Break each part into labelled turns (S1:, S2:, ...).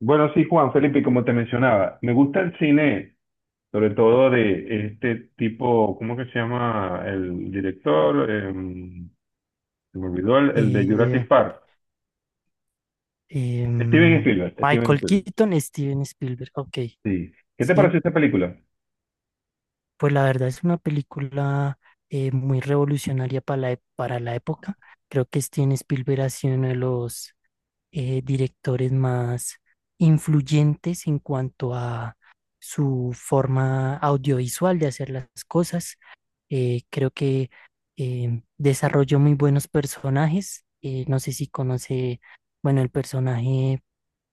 S1: Bueno, sí, Juan Felipe, como te mencionaba, me gusta el cine, sobre todo de este tipo, ¿cómo que se llama el director? Se me olvidó el de
S2: Eh,
S1: Jurassic Park. Steven
S2: em,
S1: Spielberg, Steven
S2: Michael
S1: Spielberg.
S2: Keaton, Steven Spielberg. Ok,
S1: Sí. ¿Qué te
S2: sí,
S1: pareció esta película?
S2: pues la verdad es una película muy revolucionaria para para la época. Creo que Steven Spielberg ha sido uno de los directores más influyentes en cuanto a su forma audiovisual de hacer las cosas. Creo que desarrolló muy buenos personajes. No sé si conoce, bueno, el personaje.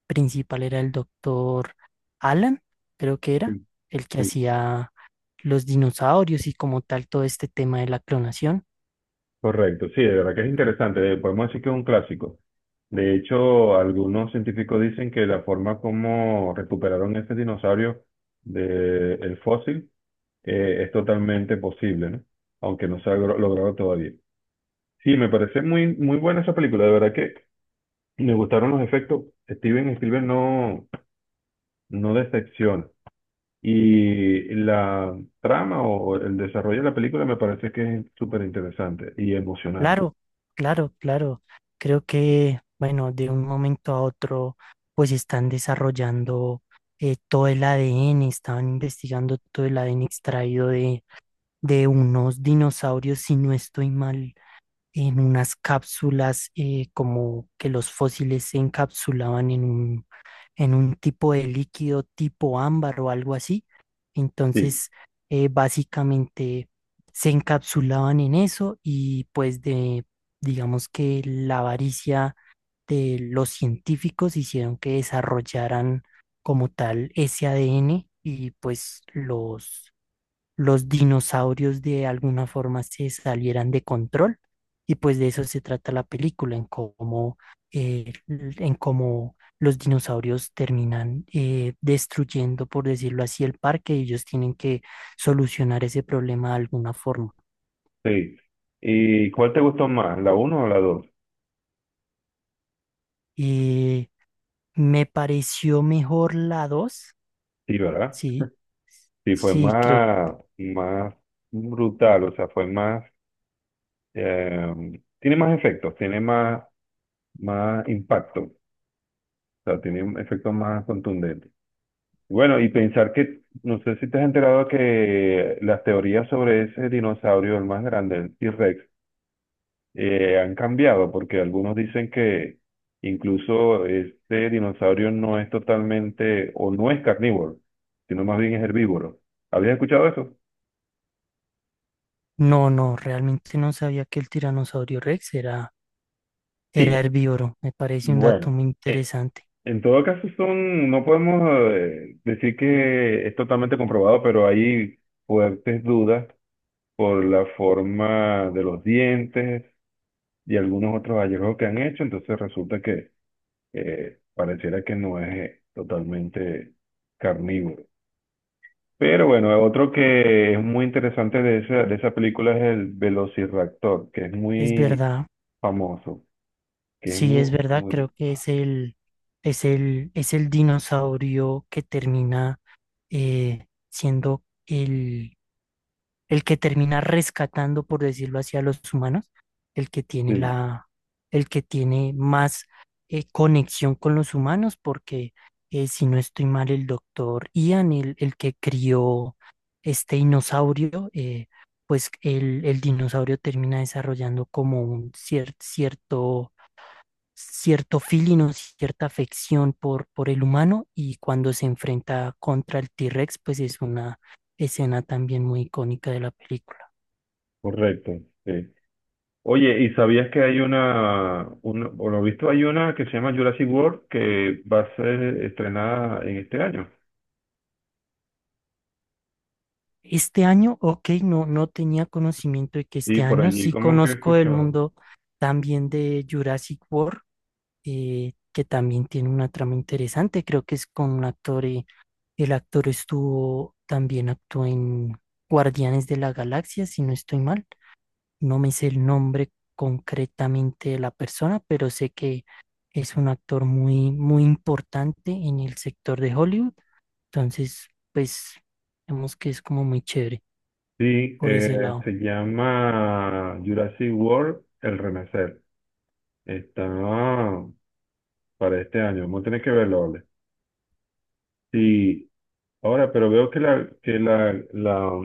S2: Principal era el doctor Alan, creo que era,
S1: Sí,
S2: el que
S1: sí.
S2: hacía los dinosaurios y como tal todo este tema de la clonación.
S1: Correcto, sí, de verdad que es interesante. Podemos decir que es un clásico. De hecho, algunos científicos dicen que la forma como recuperaron este dinosaurio del fósil es totalmente posible, ¿no? Aunque no se ha logrado todavía. Sí, me parece muy, muy buena esa película. De verdad que me gustaron los efectos. Steven Spielberg no, no decepciona. Y la trama o el desarrollo de la película me parece que es súper interesante y emocionante.
S2: Claro, claro. Creo que, bueno, de un momento a otro, pues están desarrollando todo el ADN, estaban investigando todo el ADN extraído de unos dinosaurios, si no estoy mal, en unas cápsulas, como que los fósiles se encapsulaban en un tipo de líquido tipo ámbar o algo así.
S1: Sí,
S2: Entonces, básicamente se encapsulaban en eso y pues de, digamos que la avaricia de los científicos hicieron que desarrollaran como tal ese ADN y pues los dinosaurios de alguna forma se salieran de control. Y pues de eso se trata la película, en cómo los dinosaurios terminan destruyendo, por decirlo así, el parque y ellos tienen que solucionar ese problema de alguna forma.
S1: sí. ¿Y cuál te gustó más, la uno o la dos?
S2: Eh, me pareció mejor la dos,
S1: Sí, ¿verdad?
S2: sí,
S1: Sí, fue
S2: sí, creo,
S1: más, más brutal, o sea, fue más, eh, tiene más efectos, tiene más, más impacto, o sea, tiene efectos más contundentes. Bueno, y pensar que, no sé si te has enterado que las teorías sobre ese dinosaurio, el más grande, el T-Rex, han cambiado, porque algunos dicen que incluso este dinosaurio no es totalmente o no es carnívoro, sino más bien es herbívoro. ¿Habías escuchado eso?
S2: no, no, realmente no sabía que el tiranosaurio Rex era,
S1: Sí,
S2: era herbívoro, me parece un
S1: bueno,
S2: dato muy
S1: Eh,
S2: interesante.
S1: en todo caso, son, no podemos decir que es totalmente comprobado, pero hay fuertes dudas por la forma de los dientes, y algunos otros hallazgos que han hecho, entonces resulta que pareciera que no es totalmente carnívoro. Pero bueno, otro que es muy interesante de esa película es el Velociraptor, que es
S2: Es
S1: muy
S2: verdad,
S1: famoso, que es
S2: sí,
S1: muy,
S2: es verdad, creo
S1: muy-
S2: que es es el dinosaurio que termina siendo el que termina rescatando, por decirlo así, a los humanos, el que tiene
S1: sí,
S2: la, el que tiene más conexión con los humanos, porque si no estoy mal, el doctor Ian, el que crió este dinosaurio, pues el dinosaurio termina desarrollando como un cierto feeling o cierta afección por el humano y cuando se enfrenta contra el T-Rex, pues es una escena también muy icónica de la película.
S1: correcto, sí. Oye, ¿y sabías que hay una, por lo visto hay una que se llama Jurassic World que va a ser estrenada en este año?
S2: Este año, ok, no, no tenía conocimiento de que
S1: Sí,
S2: este
S1: por
S2: año
S1: allí
S2: sí
S1: como que he
S2: conozco el
S1: escuchado.
S2: mundo también de Jurassic World, que también tiene una trama interesante, creo que es con un actor, el actor estuvo, también actuó en Guardianes de la Galaxia, si no estoy mal. No me sé el nombre concretamente de la persona, pero sé que es un actor muy, muy importante en el sector de Hollywood. Entonces, pues, vemos que es como muy chévere
S1: Sí,
S2: por ese lado.
S1: se llama Jurassic World El Renacer. Está para este año. Vamos a tener que verlo, ¿vale? Sí, ahora, pero veo que la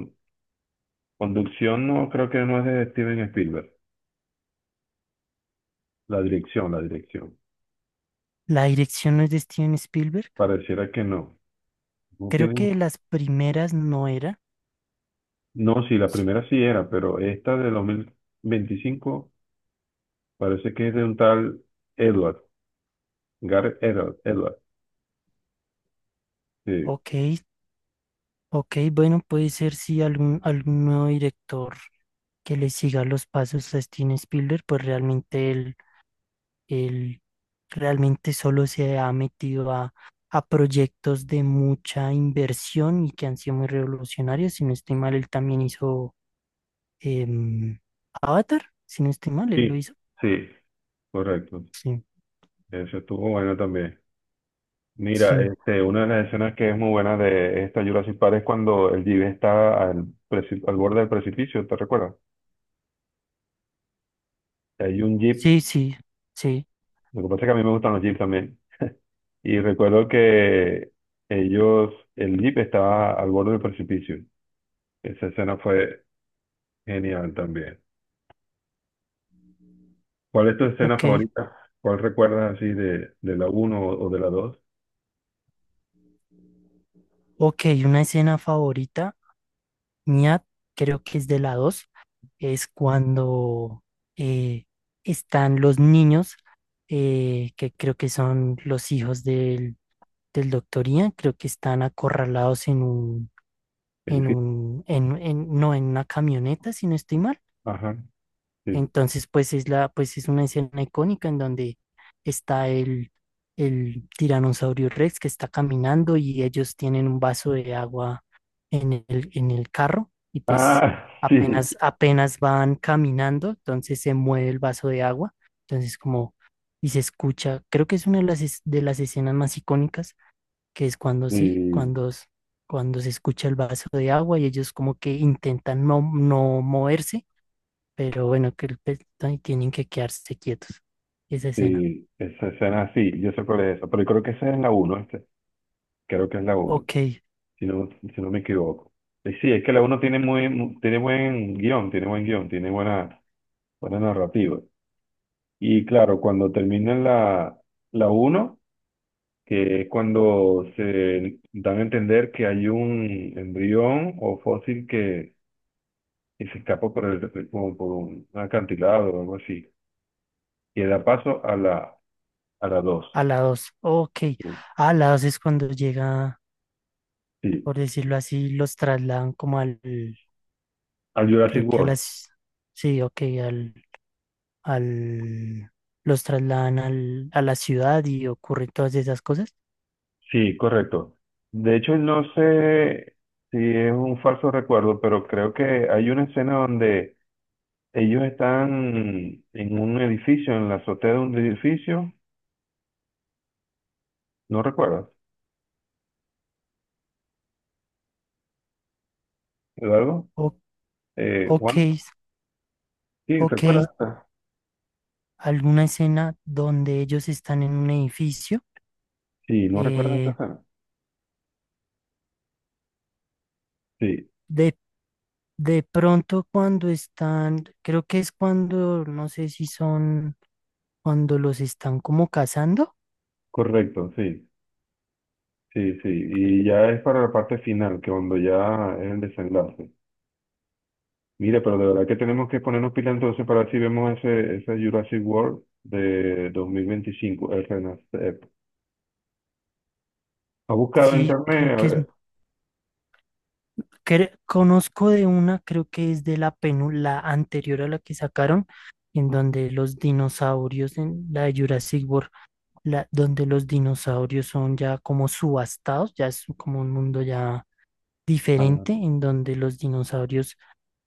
S1: conducción no creo que no es de Steven Spielberg. La dirección, la dirección.
S2: La dirección no es de Steven Spielberg.
S1: Pareciera que no. No
S2: Creo
S1: tiene,
S2: que las primeras no era.
S1: no, sí, la primera sí era, pero esta de 2025 parece que es de un tal Edward, Gareth Edward, Edward. Sí,
S2: Ok, ok, bueno, puede ser si algún nuevo director que le siga los pasos a Steven Spielberg, pues realmente él realmente solo se ha metido a proyectos de mucha inversión y que han sido muy revolucionarios. Si no estoy mal, él también hizo em, Avatar. Si no estoy mal, él lo
S1: sí,
S2: hizo.
S1: sí, correcto.
S2: Sí,
S1: Eso estuvo bueno también. Mira,
S2: sí,
S1: este, una de las escenas que es muy buena de esta Jurassic Park es cuando el jeep está al borde del precipicio, ¿te recuerdas? Hay un jeep,
S2: sí, sí, sí.
S1: lo que pasa es que a mí me gustan los jeeps también, y recuerdo que ellos, el jeep estaba al borde del precipicio. Esa escena fue genial también. ¿Cuál es tu escena
S2: Ok,
S1: favorita? ¿Cuál recuerdas así de la uno o de la dos?
S2: ok. Una escena favorita mía, creo que es de la 2, es cuando eh, están los niños, que creo que son los hijos del doctor Ian, creo que están acorralados en
S1: Edificio.
S2: no en una camioneta, si no estoy mal.
S1: Ajá, sí.
S2: Entonces, pues es la, pues es una escena icónica en donde está el tiranosaurio Rex que está caminando y ellos tienen un vaso de agua en el carro y pues
S1: Ah, sí,
S2: apenas, apenas van caminando, entonces se mueve el vaso de agua, entonces como, y se escucha, creo que es una de de las escenas más icónicas que es cuando sí,
S1: sí,
S2: cuando se escucha el vaso de agua y ellos como que intentan no, no moverse, pero bueno, que el pez- ay, tienen que quedarse quietos. Esa escena.
S1: sí, esa escena, sí, yo sé cuál es esa, pero yo creo que esa es la una, creo que es la uno
S2: Ok,
S1: si no, si no me equivoco. Sí, es que la uno tiene muy, tiene buen guión, tiene buen guión, tiene buena, buena narrativa. Y claro, cuando termina la, la uno que es cuando se dan a entender que hay un embrión o fósil que se escapa por, el, como por un acantilado o algo así, que da paso a la dos.
S2: a la dos. Ok, a la dos es cuando llega,
S1: Sí,
S2: por decirlo así, los trasladan como al,
S1: al
S2: creo
S1: Jurassic
S2: que a
S1: World.
S2: las, sí, ok, al, los trasladan al, a la ciudad y ocurren todas esas cosas.
S1: Sí, correcto. De hecho, no sé si es un falso recuerdo, pero creo que hay una escena donde ellos están en un edificio, en la azotea de un edificio. ¿No recuerdas? ¿Algo?
S2: O- ok,
S1: Juan, sí,
S2: ok,
S1: ¿recuerdas esta?
S2: alguna escena donde ellos están en un edificio.
S1: Sí, ¿no recuerdas esta
S2: Eh,
S1: escena? Sí,
S2: de, de pronto cuando están, creo que es cuando, no sé si son cuando los están como cazando.
S1: correcto, sí, sí, sí. Y ya es para la parte final, que cuando ya es el desenlace. Mira, pero de verdad que tenemos que ponernos pila entonces para ver si vemos ese, ese Jurassic World de 2025, el Renacer. ¿Ha buscado en
S2: Sí,
S1: internet?
S2: creo
S1: A
S2: que es,
S1: ver.
S2: cre- conozco de una, creo que es de la penu- la anterior a la que sacaron, en donde los dinosaurios, en la de Jurassic World, la, donde los dinosaurios son ya como subastados, ya es como un mundo ya
S1: Ah,
S2: diferente en donde los dinosaurios,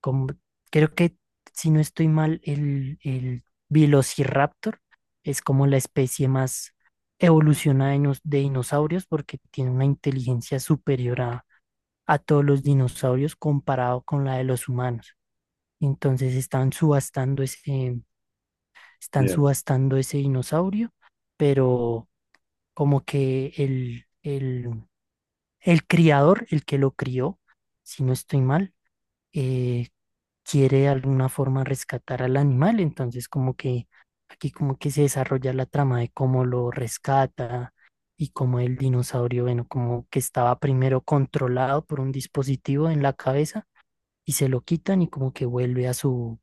S2: como, creo que si no estoy mal, el Velociraptor es como la especie más evolucionada de nos- de dinosaurios porque tiene una inteligencia superior a todos los dinosaurios comparado con la de los humanos. Entonces están
S1: bien,
S2: subastando ese dinosaurio, pero como que el criador, el que lo crió, si no estoy mal, eh, quiere de alguna forma rescatar al animal, entonces como que aquí como que se desarrolla la trama de cómo lo rescata y cómo el dinosaurio, bueno, como que estaba primero controlado por un dispositivo en la cabeza y se lo quitan y como que vuelve a su,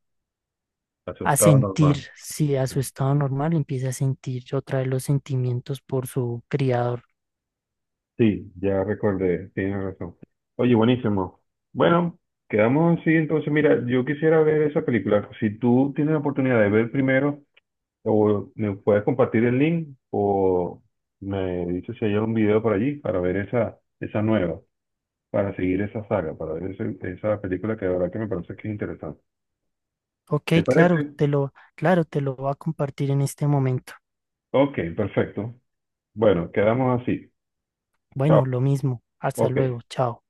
S2: a
S1: asustado normal.
S2: sentir, sí, a su estado normal, empieza a sentir otra vez los sentimientos por su criador.
S1: Sí, ya recordé, tienes razón. Oye, buenísimo. Bueno, quedamos así entonces. Mira, yo quisiera ver esa película. Si tú tienes la oportunidad de ver primero, o me puedes compartir el link, o me dices si hay algún video por allí para ver esa, esa nueva, para seguir esa saga, para ver esa película que de verdad que me parece que es interesante.
S2: Ok,
S1: ¿Te
S2: claro,
S1: parece?
S2: claro, te lo voy a compartir en este momento.
S1: Ok, perfecto. Bueno, quedamos así.
S2: Bueno,
S1: Chao.
S2: lo mismo. Hasta
S1: Ok.
S2: luego. Chao.